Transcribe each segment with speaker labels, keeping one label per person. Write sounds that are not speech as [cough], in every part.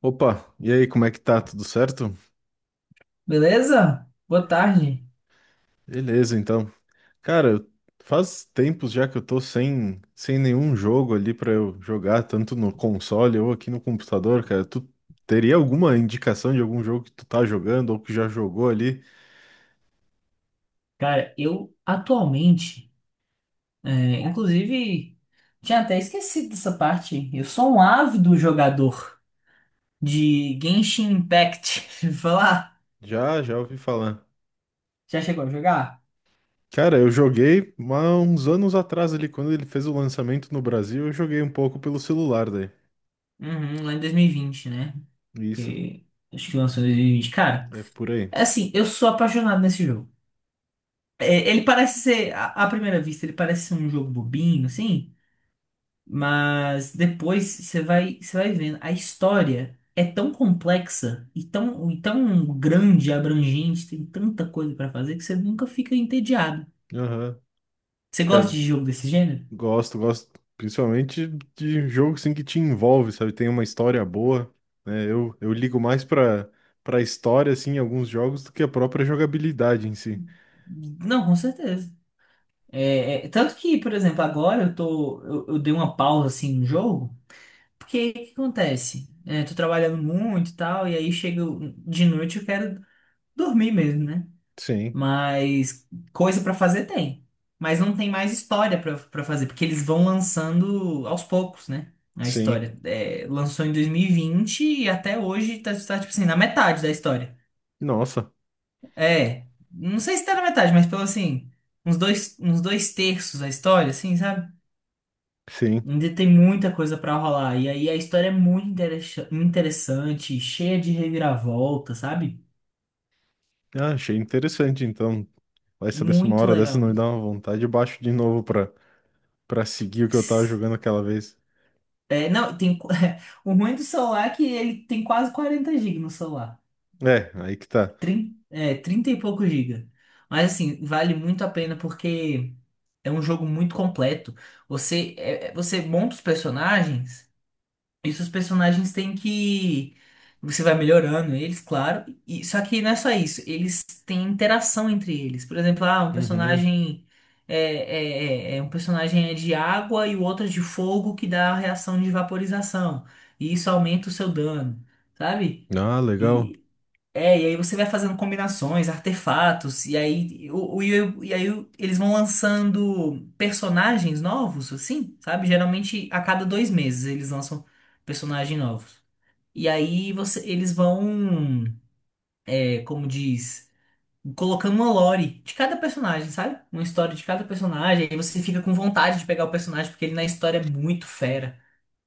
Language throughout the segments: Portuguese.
Speaker 1: Opa, e aí, como é que tá? Tudo certo?
Speaker 2: Beleza? Boa tarde.
Speaker 1: Beleza, então. Cara, eu- Faz tempos já que eu tô sem nenhum jogo ali pra eu jogar, tanto no console ou aqui no computador, cara. Tu teria alguma indicação de algum jogo que tu tá jogando ou que já jogou ali?
Speaker 2: Cara, eu atualmente, inclusive, tinha até esquecido dessa parte. Eu sou um ávido jogador de Genshin Impact. [laughs] Deixa eu falar?
Speaker 1: Já ouvi falar.
Speaker 2: Já chegou a jogar?
Speaker 1: Cara, eu joguei há uns anos atrás ali, quando ele fez o lançamento no Brasil, eu joguei um pouco pelo celular daí.
Speaker 2: Uhum, lá em 2020, né?
Speaker 1: Isso,
Speaker 2: Que acho que lançou em 2020. Cara,
Speaker 1: é por aí.
Speaker 2: é assim, eu sou apaixonado nesse jogo. É, ele parece ser, à primeira vista, ele parece ser um jogo bobinho, assim. Mas depois você vai vendo, a história é tão complexa e tão grande, abrangente, tem tanta coisa pra fazer que você nunca fica entediado.
Speaker 1: Aham.
Speaker 2: Você gosta
Speaker 1: É,
Speaker 2: de jogo desse gênero?
Speaker 1: gosto principalmente de jogo assim que te envolve, sabe? Tem uma história boa, né? Eu ligo mais pra história, assim, em alguns jogos do que a própria jogabilidade em si.
Speaker 2: Não, com certeza. Tanto que, por exemplo, agora eu dei uma pausa assim no jogo, porque o que acontece? É, tô trabalhando muito e tal, e aí de noite eu quero dormir mesmo, né?
Speaker 1: Sim,
Speaker 2: Mas coisa pra fazer tem. Mas não tem mais história pra fazer, porque eles vão lançando aos poucos, né? A
Speaker 1: sim.
Speaker 2: história. É, lançou em 2020 e vinte e até hoje tá, tipo assim, na metade da história.
Speaker 1: Nossa,
Speaker 2: É, não sei se tá na metade, mas pelo assim, uns dois terços da história, assim, sabe?
Speaker 1: sim.
Speaker 2: Ainda tem muita coisa pra rolar. E aí a história é muito interessante, cheia de reviravolta, sabe?
Speaker 1: Ah, achei interessante, então. Vai saber se uma
Speaker 2: Muito
Speaker 1: hora dessa
Speaker 2: legal
Speaker 1: não me dá uma vontade, eu baixo de novo pra seguir o que eu tava
Speaker 2: mesmo.
Speaker 1: jogando aquela vez.
Speaker 2: É, não, tem, [laughs] o ruim do celular é que ele tem quase 40 GB no celular.
Speaker 1: É, aí que tá.
Speaker 2: Trinta e poucos gigas. Mas assim, vale muito a pena porque é um jogo muito completo. Você monta os personagens. Isso os personagens têm que. Você vai melhorando eles, claro. E, só que não é só isso. Eles têm interação entre eles. Por exemplo, um
Speaker 1: Uhum.
Speaker 2: personagem. Um personagem é de água e o outro é de fogo que dá a reação de vaporização. E isso aumenta o seu dano, sabe?
Speaker 1: Ah, legal.
Speaker 2: É, e aí você vai fazendo combinações, artefatos, eles vão lançando personagens novos, assim, sabe? Geralmente a cada 2 meses eles lançam personagens novos. E aí eles vão, como diz, colocando uma lore de cada personagem, sabe? Uma história de cada personagem, aí você fica com vontade de pegar o personagem, porque ele na história é muito fera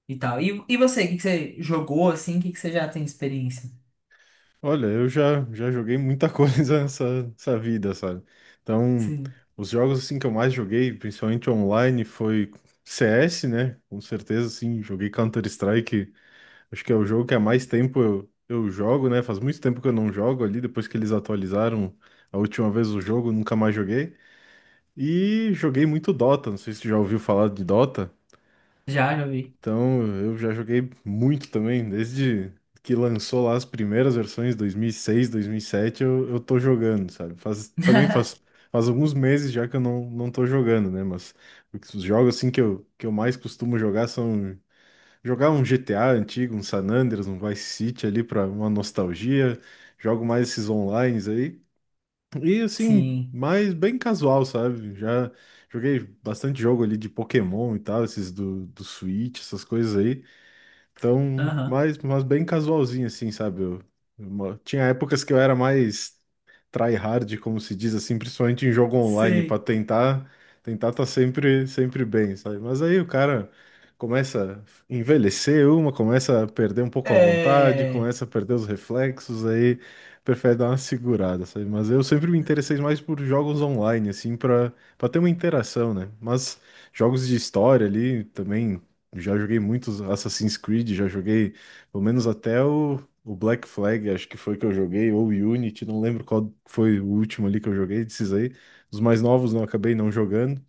Speaker 2: e tal. E o que que você jogou, assim, o que que você já tem experiência?
Speaker 1: Olha, eu já joguei muita [laughs] coisa nessa, nessa vida, sabe? Então,
Speaker 2: Sim,
Speaker 1: os jogos assim que eu mais joguei, principalmente online, foi CS, né? Com certeza, assim, joguei Counter-Strike. Acho que é o jogo que há mais tempo eu jogo, né? Faz muito tempo que eu não jogo ali, depois que eles atualizaram a última vez o jogo, nunca mais joguei. E joguei muito Dota, não sei se tu já ouviu falar de Dota.
Speaker 2: já vi.
Speaker 1: Então, eu já joguei muito também, desde que lançou lá as primeiras versões, 2006, sete eu tô jogando, sabe?
Speaker 2: [laughs]
Speaker 1: Faz alguns meses já que eu não, não tô jogando, né? Mas os jogos, assim, que eu mais costumo jogar são... Jogar um GTA antigo, um San Andreas, um Vice City ali pra uma nostalgia. Jogo mais esses onlines aí. E, assim,
Speaker 2: Sim.
Speaker 1: mais bem casual, sabe? Já joguei bastante jogo ali de Pokémon e tal, esses do Switch, essas coisas aí. Então,
Speaker 2: Aham,
Speaker 1: mas bem casualzinho, assim, sabe? Tinha épocas que eu era mais tryhard, como se diz assim, principalmente em jogo online, pra
Speaker 2: sei.
Speaker 1: tentar tentar tá sempre bem, sabe? Mas aí o cara começa a envelhecer uma, começa a perder um pouco a vontade,
Speaker 2: É...
Speaker 1: começa a perder os reflexos, aí prefere dar uma segurada, sabe? Mas eu sempre me interessei mais por jogos online, assim, pra ter uma interação, né? Mas jogos de história ali também já joguei muitos Assassin's Creed, já joguei pelo menos até o Black Flag, acho que foi que eu joguei, ou o Unity, não lembro qual foi o último ali que eu joguei desses aí. Os mais novos não acabei não jogando,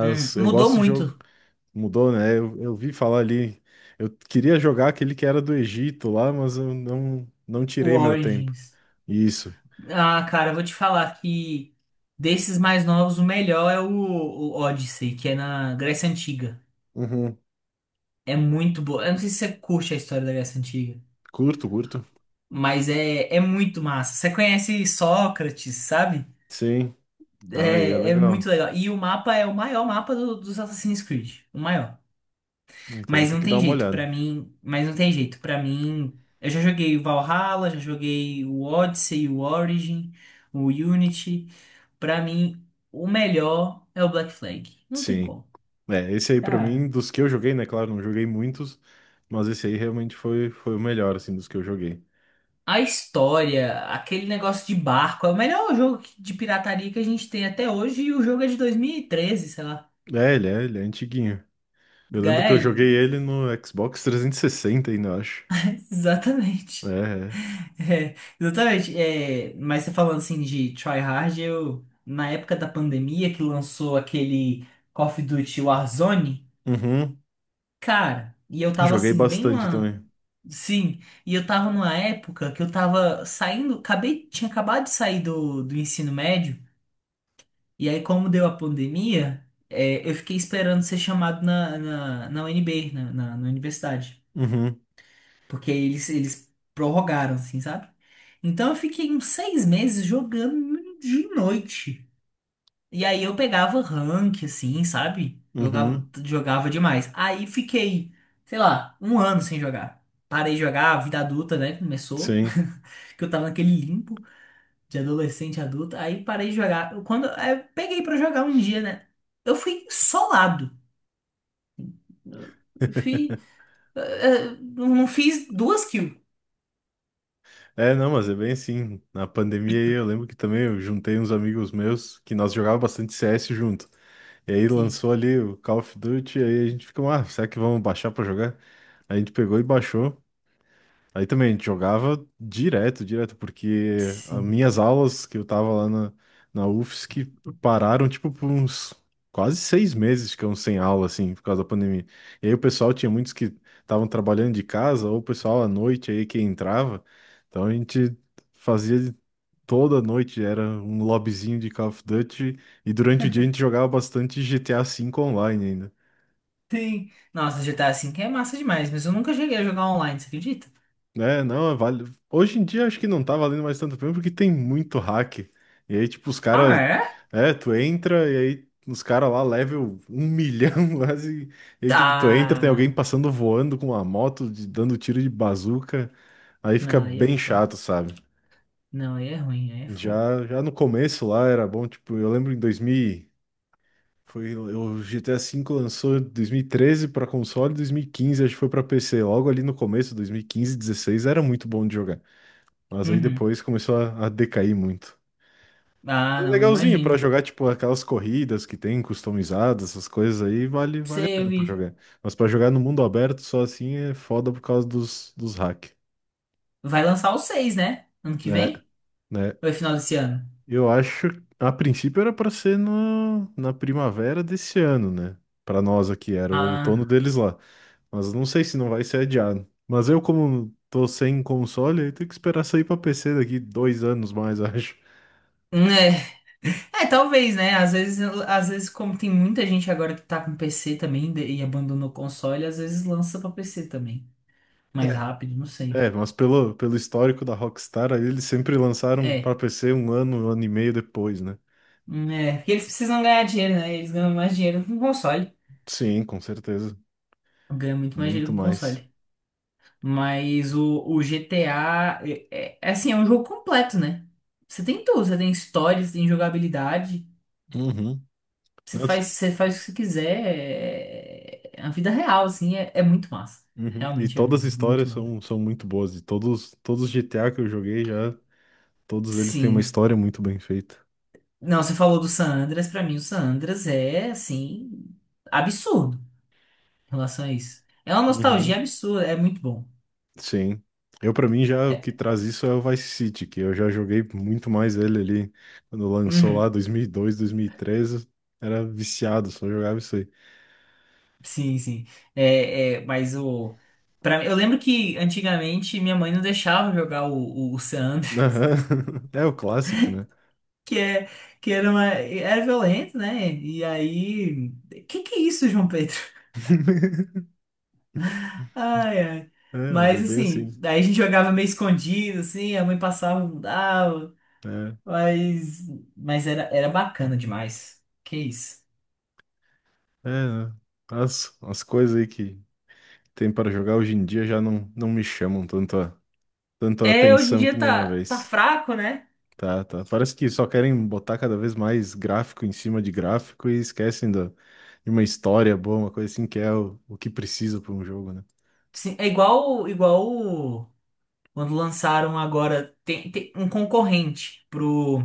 Speaker 1: eu
Speaker 2: Mudou
Speaker 1: gosto de jogo.
Speaker 2: muito
Speaker 1: Mudou, né? Eu vi falar ali, eu queria jogar aquele que era do Egito lá, mas eu não, não
Speaker 2: o
Speaker 1: tirei meu tempo.
Speaker 2: Origins.
Speaker 1: Isso.
Speaker 2: Ah, cara, eu vou te falar que desses mais novos, o melhor é o Odyssey, que é na Grécia Antiga.
Speaker 1: Uhum.
Speaker 2: É muito boa. Eu não sei se você curte a história da Grécia Antiga,
Speaker 1: Curto, curto.
Speaker 2: mas é muito massa. Você conhece Sócrates, sabe?
Speaker 1: Sim. Aí é
Speaker 2: É muito
Speaker 1: legal.
Speaker 2: legal. E o mapa é o maior mapa dos Assassin's Creed. O maior.
Speaker 1: Então vou
Speaker 2: Mas
Speaker 1: ter
Speaker 2: não
Speaker 1: que dar
Speaker 2: tem
Speaker 1: uma
Speaker 2: jeito pra
Speaker 1: olhada.
Speaker 2: mim, mas não tem jeito para mim. Eu já joguei o Valhalla, já joguei o Odyssey, o Origin, o Unity. Pra mim, o melhor é o Black Flag. Não tem
Speaker 1: Sim.
Speaker 2: como.
Speaker 1: É, esse aí pra mim,
Speaker 2: Cara,
Speaker 1: dos que eu joguei, né? Claro, não joguei muitos, mas esse aí realmente foi o melhor, assim, dos que eu joguei.
Speaker 2: a história, aquele negócio de barco, é o melhor jogo de pirataria que a gente tem até hoje e o jogo é de 2013, sei lá.
Speaker 1: Ele é antiguinho. Eu lembro que eu
Speaker 2: Gai,
Speaker 1: joguei ele no Xbox 360 ainda, eu acho.
Speaker 2: [laughs]
Speaker 1: É,
Speaker 2: exatamente.
Speaker 1: é.
Speaker 2: É, exatamente. É, mas você falando assim de try hard, eu na época da pandemia que lançou aquele Call of Duty Warzone,
Speaker 1: Uhum.
Speaker 2: cara, e eu tava
Speaker 1: Joguei
Speaker 2: assim bem
Speaker 1: bastante
Speaker 2: numa,
Speaker 1: também.
Speaker 2: sim, e eu tava numa época que eu tava saindo, acabei, tinha acabado de sair do ensino médio, e aí como deu a pandemia, eu fiquei esperando ser chamado na UNB, na universidade.
Speaker 1: Uhum,
Speaker 2: Porque eles prorrogaram, assim, sabe? Então eu fiquei uns 6 meses jogando de noite. E aí eu pegava rank, assim, sabe? Jogava,
Speaker 1: uhum,
Speaker 2: jogava demais. Aí fiquei, sei lá, um ano sem jogar. Parei de jogar, a vida adulta, né? Começou.
Speaker 1: sim.
Speaker 2: [laughs] Que eu tava naquele limbo de adolescente adulta. Aí parei de jogar. Quando aí eu peguei pra jogar um dia, né? Eu fui solado. Eu fui, eh, não fiz duas kills.
Speaker 1: É, não, mas é bem assim. Na pandemia aí eu lembro que também eu juntei uns amigos meus que nós jogávamos bastante CS junto. E aí
Speaker 2: Sim.
Speaker 1: lançou ali o Call of Duty, aí a gente ficou, ah, será que vamos baixar pra jogar? Aí a gente pegou e baixou. Aí também a gente jogava direto, direto, porque as
Speaker 2: Sim.
Speaker 1: minhas aulas que eu tava lá na UFSC pararam, tipo, por uns quase 6 meses, ficamos sem aula, assim, por causa da pandemia. E aí o pessoal tinha muitos que estavam trabalhando de casa, ou o pessoal à noite aí que entrava. Então a gente fazia de- toda noite, era um lobbyzinho de Call of Duty, e durante o dia a gente jogava bastante GTA V online.
Speaker 2: Sim. Nossa, GTA 5 é massa demais, mas eu nunca cheguei a jogar online, você acredita?
Speaker 1: É, não, vale. Hoje em dia acho que não tá valendo mais tanto a porque tem muito hack. E aí, tipo, os
Speaker 2: Ah,
Speaker 1: caras.
Speaker 2: é?
Speaker 1: É, tu entra e aí os caras lá, level um milhão [laughs] quase. E aí, tipo, tu entra, tem alguém
Speaker 2: Ah,
Speaker 1: passando voando com uma moto, dando tiro de bazuca. Aí fica
Speaker 2: não, aí é
Speaker 1: bem
Speaker 2: foda.
Speaker 1: chato, sabe?
Speaker 2: Não, aí é ruim, aí é fogo.
Speaker 1: Já no começo lá era bom, tipo, eu lembro em 2000. e- Foi, o GTA V lançou em 2013 para console, 2015 acho que foi para PC. Logo ali no começo, 2015, 16, era muito bom de jogar. Mas aí
Speaker 2: Uhum.
Speaker 1: depois começou a decair muito.
Speaker 2: Ah,
Speaker 1: Mas é
Speaker 2: não,
Speaker 1: legalzinho pra
Speaker 2: imagino.
Speaker 1: jogar, tipo, aquelas corridas que tem customizadas, essas coisas aí, vale a
Speaker 2: Sei, eu
Speaker 1: pena pra
Speaker 2: vi.
Speaker 1: jogar. Mas pra jogar no mundo aberto só assim é foda por causa dos hack,
Speaker 2: Vai lançar o seis, né? Ano que
Speaker 1: né?
Speaker 2: vem?
Speaker 1: Né?
Speaker 2: Ou é final desse ano?
Speaker 1: Eu acho, a princípio era pra ser no, na primavera desse ano, né? Pra nós aqui, era o outono
Speaker 2: Ah,
Speaker 1: deles lá. Mas não sei se não vai ser adiado. Mas eu, como tô sem console, aí tenho que esperar sair pra PC daqui 2 anos mais, [laughs] acho.
Speaker 2: é. É, talvez, né? Às vezes, como tem muita gente agora que tá com PC também e abandonou o console, às vezes lança pra PC também. Mais rápido, não sei.
Speaker 1: É, mas pelo histórico da Rockstar, aí eles sempre lançaram para
Speaker 2: É.
Speaker 1: PC 1 ano, 1 ano e meio depois, né?
Speaker 2: É, porque eles precisam ganhar dinheiro, né? Eles ganham mais dinheiro com console.
Speaker 1: Sim, com certeza.
Speaker 2: Ganha muito mais
Speaker 1: Muito
Speaker 2: dinheiro com
Speaker 1: mais.
Speaker 2: console. Mas o GTA é, é assim, é um jogo completo, né? Você tem tudo, você tem história, você tem jogabilidade,
Speaker 1: Uhum.
Speaker 2: você
Speaker 1: Não, tu-
Speaker 2: faz, você faz o que você quiser. É a vida real, assim, é muito massa.
Speaker 1: uhum. E
Speaker 2: Realmente é
Speaker 1: todas as
Speaker 2: muito
Speaker 1: histórias
Speaker 2: massa.
Speaker 1: são, são muito boas. E todos, todos os GTA que eu joguei já, todos eles têm uma
Speaker 2: Sim.
Speaker 1: história muito bem feita.
Speaker 2: Não, você falou do San Andreas, pra mim o San Andreas é assim, absurdo em relação a isso. É uma nostalgia
Speaker 1: Uhum.
Speaker 2: absurda, é muito bom.
Speaker 1: Sim. Eu, pra mim, já o que
Speaker 2: É.
Speaker 1: traz isso é o Vice City, que eu já joguei muito mais ele ali quando lançou lá
Speaker 2: Uhum.
Speaker 1: 2002, dois mil e treze, era viciado, só jogava isso aí.
Speaker 2: Sim, sim. É, mas o. Eu lembro que antigamente minha mãe não deixava jogar o San Andreas,
Speaker 1: Aham. [laughs] É o clássico, né?
Speaker 2: [laughs] que, é, que era, era violento, né? E aí. Que é isso, João Pedro?
Speaker 1: [laughs]
Speaker 2: [laughs] Ai, ai.
Speaker 1: É, mas é
Speaker 2: Mas
Speaker 1: bem assim.
Speaker 2: assim, daí a gente jogava meio escondido, assim, a mãe passava, mudava.
Speaker 1: Né?
Speaker 2: Mas, mas era bacana demais. Que isso.
Speaker 1: É, né? As coisas aí que tem para jogar hoje em dia já não, não me chamam tanto a, tanto a
Speaker 2: É, hoje em
Speaker 1: atenção que
Speaker 2: dia
Speaker 1: nem uma
Speaker 2: tá
Speaker 1: vez.
Speaker 2: fraco, né?
Speaker 1: Tá, tá. Parece que só querem botar cada vez mais gráfico em cima de gráfico e esquecem da, de uma história boa, uma coisa assim que é o que precisa para um jogo, né?
Speaker 2: Sim, é igual quando lançaram agora, tem um concorrente pro,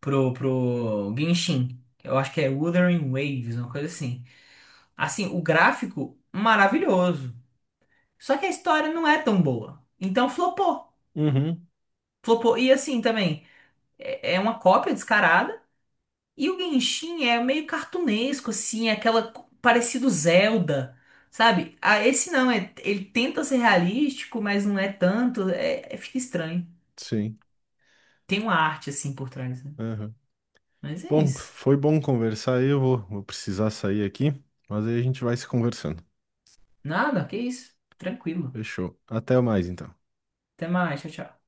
Speaker 2: pro, pro Genshin. Eu acho que é Wuthering Waves, uma coisa assim. Assim, o gráfico maravilhoso. Só que a história não é tão boa. Então flopou.
Speaker 1: Uhum.
Speaker 2: Flopou. E assim também, é uma cópia descarada. E o Genshin é meio cartunesco, assim, é aquela parecido Zelda. Sabe? Ah, esse não, ele tenta ser realístico, mas não é tanto. Fica estranho.
Speaker 1: Sim.
Speaker 2: Tem uma arte assim por trás, né?
Speaker 1: Aham.
Speaker 2: Mas é
Speaker 1: Bom,
Speaker 2: isso.
Speaker 1: foi bom conversar aí. Vou precisar sair aqui, mas aí a gente vai se conversando.
Speaker 2: Nada, que isso. Tranquilo.
Speaker 1: Fechou. Até mais, então.
Speaker 2: Até mais, tchau, tchau.